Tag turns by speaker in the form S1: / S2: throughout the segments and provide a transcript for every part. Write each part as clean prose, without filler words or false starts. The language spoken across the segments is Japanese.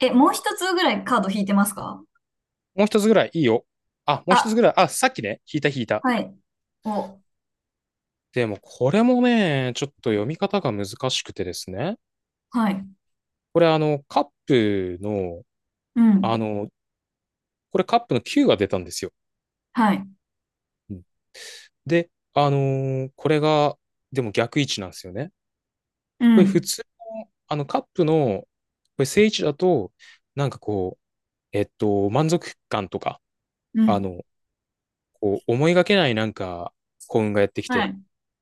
S1: え、もう一つぐらいカード引いてますか？
S2: もう一つぐらいいいよ。あ、もう一つぐ
S1: あ、
S2: らい。あ、さっきね、引いた引いた。
S1: はい。お、
S2: でも、これもね、ちょっと読み方が難しくてですね。
S1: はい。
S2: これ、あの、カップの、
S1: う
S2: あ
S1: ん。
S2: の、これカップの9が出たんですよ。
S1: はい。
S2: うんで、あのーこれが、でも逆位置なんですよね。
S1: う
S2: これ普
S1: ん。
S2: 通、あの、カップの、これ正位置だと、なんかこう、満足感とか、
S1: う
S2: あ
S1: ん。
S2: の、こう、思いがけないなんか、幸運がやってき
S1: は
S2: て、
S1: い。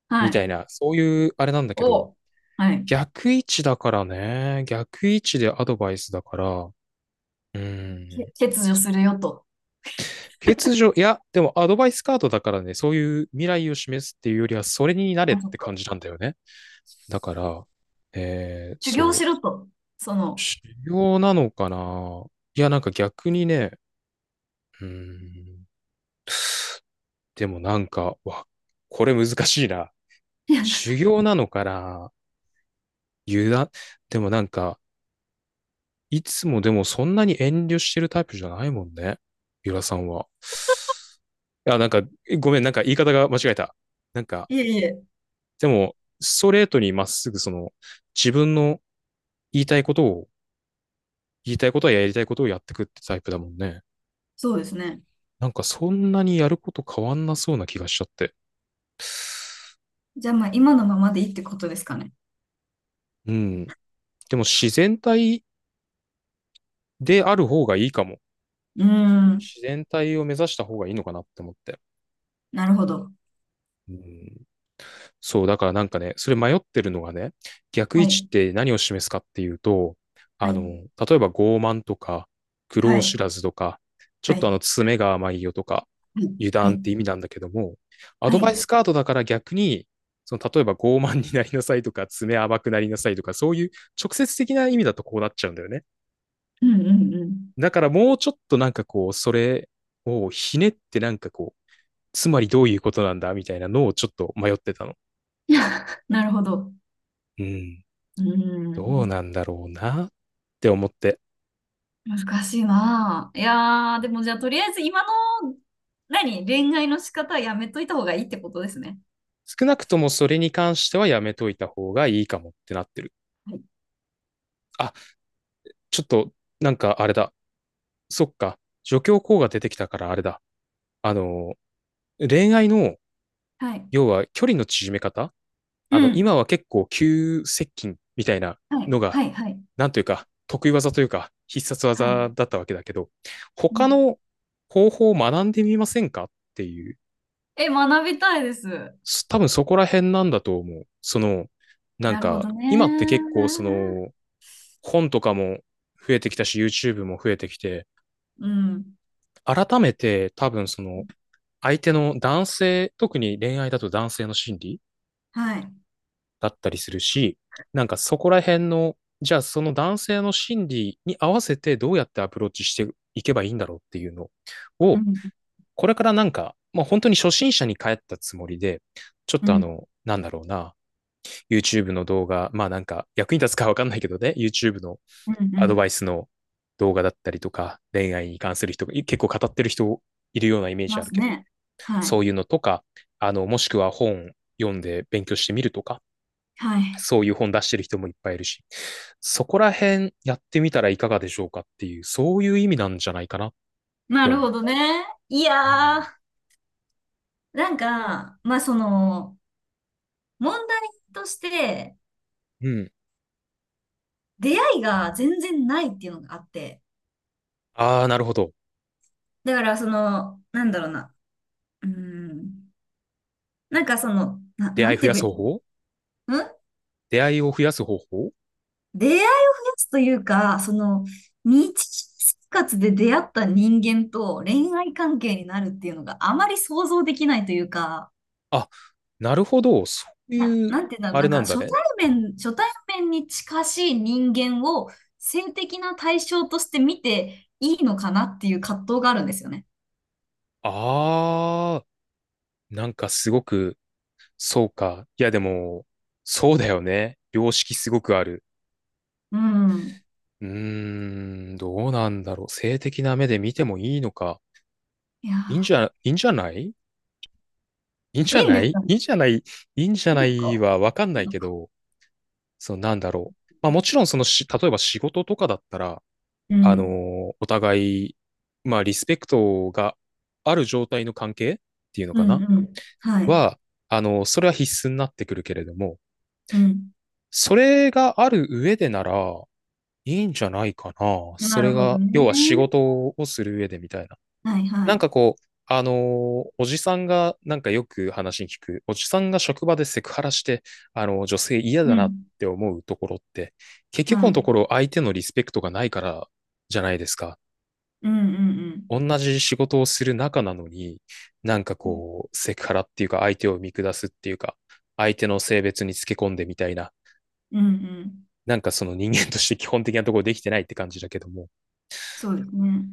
S1: は
S2: みた
S1: い。
S2: いな、そういうあれなんだけど、
S1: お、はい。
S2: 逆位置だからね。逆位置でアドバイスだから。う
S1: け
S2: ん。
S1: 欠如するよと。
S2: 欠如、いや、でもアドバイスカードだからね、そういう未来を示すっていうよりは、それになれっ
S1: あ、そっ
S2: て
S1: か。
S2: 感じなんだよね。だから、
S1: 修行し
S2: そ
S1: ろと。そ
S2: う、
S1: の、
S2: 修行なのかな。いや、なんか逆にね、うん、でもなんか、これ難しいな。
S1: いや、
S2: 修行なのかな。油断、でもなんか、いつもでもそんなに遠慮してるタイプじゃないもんね。ゆらさんは。いや、なんか、ごめん、なんか言い方が間違えた。なんか、
S1: いえいえ、
S2: でも、ストレートにまっすぐその、自分の言いたいことを、言いたいことはやりたいことをやってくってタイプだもんね。
S1: そうですね。
S2: なんかそんなにやること変わんなそうな気がしちゃって。
S1: じゃあまあ今のままでいいってことですかね？
S2: うん。でも自然体である方がいいかも。
S1: うーん。
S2: 自然体を目指した方がいいのかなって思って。
S1: なるほど。
S2: うん。そう、だからなんかね、それ迷ってるのがね、逆位
S1: は
S2: 置
S1: い。
S2: って何を示すかっていうと、
S1: はい。
S2: 例えば傲慢とか、苦
S1: は
S2: 労
S1: い。
S2: 知らずとか、ちょ
S1: は
S2: っと
S1: い。
S2: 爪が甘いよとか、
S1: はい。
S2: 油
S1: は
S2: 断って意
S1: い。
S2: 味なんだけども、ア
S1: は
S2: ドバ
S1: い。
S2: イスカードだから逆に、その、例えば傲慢になりなさいとか、爪甘くなりなさいとか、そういう直接的な意味だとこうなっちゃうんだよね。
S1: うんうんうん。
S2: だからもうちょっとなんかこう、それをひねってなんかこう、つまりどういうことなんだみたいなのをちょっと迷ってたの。
S1: なるほど。
S2: うん。
S1: うー
S2: どうな
S1: ん。
S2: んだろうなって思って、
S1: 難しいなぁ。いやー、でもじゃあ、とりあえず今の、何、恋愛の仕方はやめといた方がいいってことですね。
S2: 少なくともそれに関してはやめといた方がいいかもってなってる。
S1: はい。
S2: あ、ちょっと、なんかあれだ。そっか。助教講が出てきたからあれだ。あの、恋愛の、
S1: はい。
S2: 要は距離の縮め方、
S1: うん。
S2: 今は結構急接近みたいな
S1: は
S2: の
S1: い。
S2: が、
S1: はい。はい。
S2: なんというか、得意技というか、必殺
S1: はい。
S2: 技だったわけだけど、
S1: う
S2: 他
S1: ん。
S2: の方法を学んでみませんかっていう、
S1: え、学びたいです。
S2: 多分そこら辺なんだと思う。その、なん
S1: なるほ
S2: か、
S1: ど
S2: 今って結構そ
S1: ね。
S2: の、本とかも増えてきたし、YouTube も増えてきて、
S1: うん。
S2: 改めて多分その、相手の男性、特に恋愛だと男性の心理
S1: はい。
S2: だったりするし、なんかそこら辺の、じゃあその男性の心理に合わせてどうやってアプローチしていけばいいんだろうっていうの
S1: う
S2: を、
S1: ん。
S2: これからなんか、まあ本当に初心者に帰ったつもりで、ちょっ
S1: う
S2: と
S1: ん。
S2: なんだろうな、YouTube の動画、まあなんか役に立つかわかんないけどね、YouTube の
S1: うん。う
S2: アド
S1: ん。
S2: バイスの動画だったりとか、恋愛に関する人が結構語ってる人いるようなイメー
S1: い
S2: ジ
S1: ま
S2: ある
S1: す
S2: けど、
S1: ね。はい。
S2: そういうのとか、もしくは本読んで勉強してみるとか、
S1: はい。
S2: そういう本出してる人もいっぱいいるし、そこら辺やってみたらいかがでしょうかっていう、そういう意味なんじゃないかなっ
S1: な
S2: て
S1: る
S2: 思う。
S1: ほどね。い
S2: う
S1: や
S2: ん。
S1: ー、なんか、まあ、その、問題として、
S2: うん
S1: 出会いが全然ないっていうのがあって、
S2: ああ、なるほど。
S1: だから、その、なんだろうな。うーん。なんかその、
S2: 出
S1: な
S2: 会い
S1: ん
S2: 増
S1: て言
S2: やす
S1: えば
S2: 方
S1: いい
S2: 法
S1: のん
S2: 出会いを増やす方法。
S1: 出会いを増やすというか、その、日常生活で出会った人間と恋愛関係になるっていうのがあまり想像できないというか、
S2: あ、なるほど。そういう、
S1: なんて言うんだろう。
S2: あ
S1: な
S2: れ
S1: んか
S2: なんだね。
S1: 初対面に近しい人間を性的な対象として見ていいのかなっていう葛藤があるんですよね。
S2: ああ、なんかすごく、そうか。いや、でも、そうだよね。良識すごくある。
S1: うん。
S2: うーん、どうなんだろう。性的な目で見てもいいのか。
S1: いや
S2: いいんじゃないいいんじ
S1: ー、い
S2: ゃ
S1: いん
S2: な
S1: です
S2: い
S1: かね？
S2: いいんじゃないいいんじゃ
S1: いい
S2: な
S1: の
S2: い
S1: か。
S2: はわかんな
S1: いい
S2: い
S1: の
S2: け
S1: か。
S2: ど、そうなんだろう。まあもちろんそのし、例えば仕事とかだったら、
S1: うん。
S2: お互い、まあリスペクトがある状態の関係っていうの
S1: うん
S2: か
S1: う
S2: な
S1: ん。はい。
S2: は、それは必須になってくるけれども、
S1: うん。
S2: それがある上でなら、いいんじゃないかな。そ
S1: なる
S2: れ
S1: ほど
S2: が、要
S1: ね。
S2: は仕事をする上でみたいな。
S1: はいは
S2: なん
S1: い。
S2: かこう、おじさんが、なんかよく話に聞く、おじさんが職場でセクハラして、女性嫌
S1: う
S2: だなっ
S1: ん。
S2: て思うところって、結局
S1: は
S2: のと
S1: い。
S2: ころ相手のリスペクトがないからじゃないですか。
S1: うんうん
S2: 同じ仕事をする仲なのに、なんか
S1: うん。
S2: こう、セクハラっていうか、相手を見下すっていうか、相手の性別につけ込んでみたいな、
S1: うんうん。
S2: なんかその人間として基本的なところできてないって感じだけども。
S1: そうですね。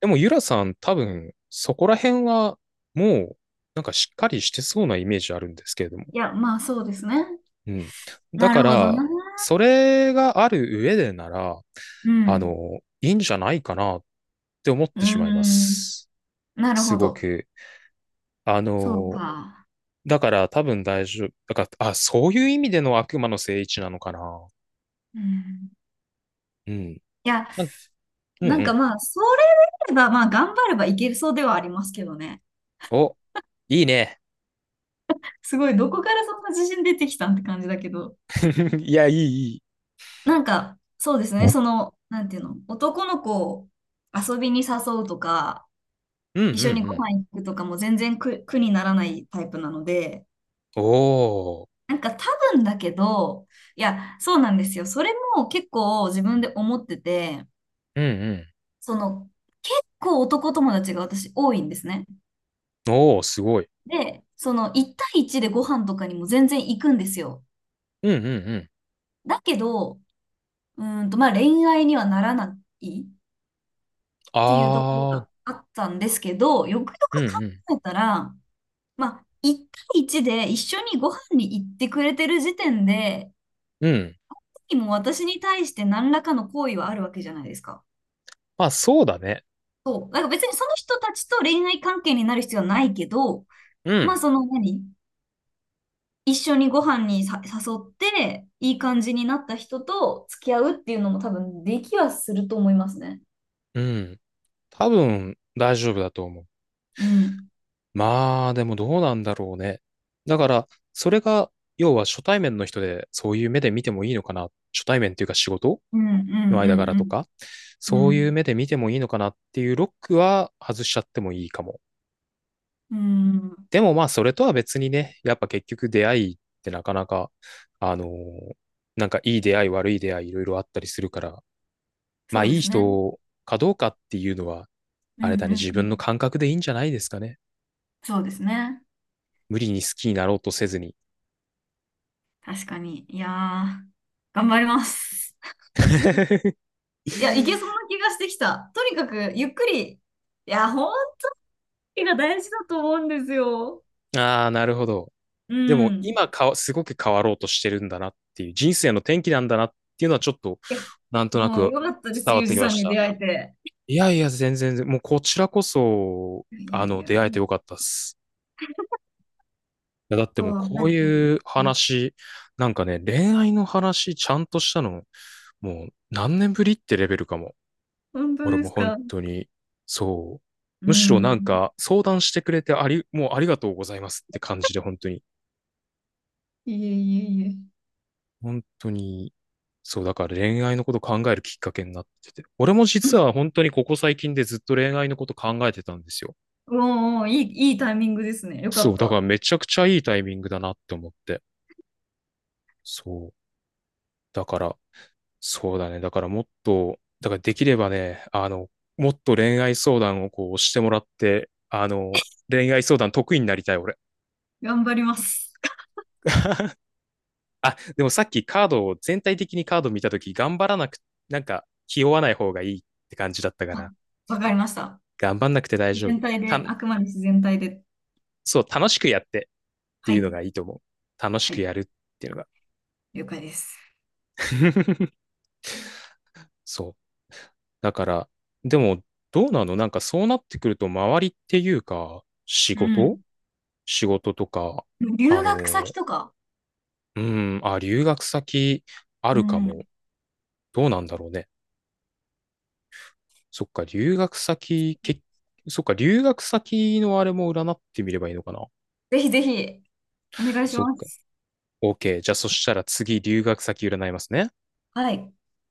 S2: でもユラさん多分そこら辺はもうなんかしっかりしてそうなイメージあるんですけれども。
S1: いや、まあそうですね。
S2: うん。だ
S1: な
S2: か
S1: るほど
S2: ら、
S1: な。
S2: それがある上でなら、
S1: うん。
S2: いいんじゃないかなって思っ
S1: う
S2: てしまいま
S1: ん。
S2: す。
S1: なる
S2: す
S1: ほ
S2: ご
S1: ど。
S2: く。あ
S1: そう
S2: の、
S1: か。
S2: だから多分大丈夫。だから、あ、そういう意味での悪魔の聖一なのかな。
S1: うん。
S2: うん。
S1: いや、
S2: なうん
S1: なん
S2: う
S1: か
S2: ん。
S1: まあ、それであれば、まあ頑張ればいけるそうではありますけどね。
S2: お、いいね。
S1: すごい、どこからそんな自信出てきたんって感じだけど。
S2: いや、いい、いい。
S1: なんか、そうですね、その、なんていうの、男の子を遊びに誘うとか、
S2: うんうんう
S1: 一緒にご
S2: ん。
S1: 飯行くとかも全然苦にならないタイプなので、
S2: おー。
S1: なんか多分だけど、いや、そうなんですよ。それも結構自分で思ってて、
S2: うんう
S1: その、結構男友達が私多いんですね。
S2: ん。おー、すごい。
S1: で、その1対1でご飯とかにも全然行くんですよ。
S2: うんうんうん。
S1: だけど、うーんと、まあ恋愛にはならない。っていうところ
S2: あー。
S1: があったんですけど、よくよ
S2: うんう
S1: く考
S2: ん。
S1: えたら、まあ、1対一で一緒にご飯に行ってくれてる時点で、
S2: うん。
S1: 敵も私に対して何らかの行為はあるわけじゃないですか。
S2: まあ、そうだね。
S1: そう。なんか別にその人たちと恋愛関係になる必要はないけど、
S2: う
S1: まあ
S2: ん。
S1: その何一緒にご飯にさ誘って、いい感じになった人と付き合うっていうのも多分できはすると思いますね。
S2: うん。多分、大丈夫だと思う。
S1: うん。
S2: まあ、でもどうなんだろうね。だから、それが、要は初対面の人で、そういう目で見てもいいのかな。初対面っていうか仕事
S1: うんう
S2: の間柄と
S1: ん
S2: か、
S1: うんう
S2: そういう
S1: ん。
S2: 目で見てもいいのかなっていうロックは外しちゃってもいいかも。
S1: うん。うん。
S2: でもまあ、それとは別にね、やっぱ結局出会いってなかなか、あのーなんかいい出会い、悪い出会い、いろいろあったりするから、まあ
S1: そうで
S2: いい
S1: すね。
S2: 人かどうかっていうのは、
S1: うん
S2: あ
S1: う
S2: れだね、
S1: ん
S2: 自
S1: う
S2: 分の
S1: ん。
S2: 感覚でいいんじゃないですかね。
S1: そうですね。
S2: 無理に好きになろうとせずに。
S1: 確かに。いやー、頑張ります。いや、いけそうな気がしてきた。とにかく、ゆっくり。いや、本気が大事だと思うんですよ。
S2: ああ、なるほど。
S1: う
S2: でも
S1: ん。
S2: 今かすごく変わろうとしてるんだなっていう、人生の転機なんだなっていうのはちょっと、
S1: いや、
S2: なんとな
S1: もう
S2: く
S1: よかったで
S2: 伝
S1: す、
S2: わっ
S1: ゆう
S2: て
S1: じ
S2: きま
S1: さん
S2: し
S1: に
S2: た。
S1: 出会えて。
S2: いやいや、全然、もうこちらこそ、
S1: いやいや、あ
S2: 出会え
S1: り
S2: て
S1: が
S2: よ
S1: と
S2: かったっす。や、だってもう
S1: う。
S2: こ
S1: な
S2: う
S1: んかね、
S2: いう話、なんかね、恋愛の話ちゃんとしたの、もう何年ぶりってレベルかも。
S1: 本当
S2: 俺
S1: で
S2: も
S1: す
S2: 本
S1: か？
S2: 当に、そう。
S1: う
S2: むしろなん
S1: ん。
S2: か相談してくれてもうありがとうございますって感じで本当に、
S1: いえいえいえ。
S2: 本当に、そう、だから恋愛のこと考えるきっかけになってて。俺も実は本当にここ最近でずっと恋愛のこと考えてたんですよ。
S1: もういい、いいタイミングですね。よか
S2: そ
S1: っ
S2: う、だから
S1: た。
S2: めちゃくちゃいいタイミングだなって思って。そう。だから、そうだね。だからもっと、だからできればね、もっと恋愛相談をこうしてもらって、恋愛相談得意になりたい、俺。
S1: 頑張ります。
S2: あ、でもさっきカードを、全体的にカード見たとき、頑張らなく、なんか、気負わない方がいいって感じだったか
S1: あ、
S2: ら、
S1: わかりました。
S2: 頑張んなくて大
S1: 自
S2: 丈夫。
S1: 然体
S2: た
S1: で、
S2: ん、
S1: あくまで自然体で。
S2: そう、楽しくやってって
S1: は
S2: いうの
S1: い。
S2: がいいと思う。楽し
S1: は
S2: く
S1: い。
S2: やるっていうのが。
S1: 了解です。
S2: そう。だから、でも、どうなのなんかそうなってくると、周りっていうか、仕
S1: う
S2: 事
S1: ん。
S2: 仕事とか、あ
S1: 留学先
S2: の、
S1: とか、
S2: うん、あ、留学先あ
S1: う
S2: るかも。
S1: ん。
S2: どうなんだろうね。そっか、留学先、け、そっか、留学先のあれも占ってみればいいのかな。
S1: ぜひぜひ、お願いし
S2: そっ
S1: ま
S2: か。
S1: す。
S2: OK。じゃあ、そしたら次、留学先占いますね。
S1: はい。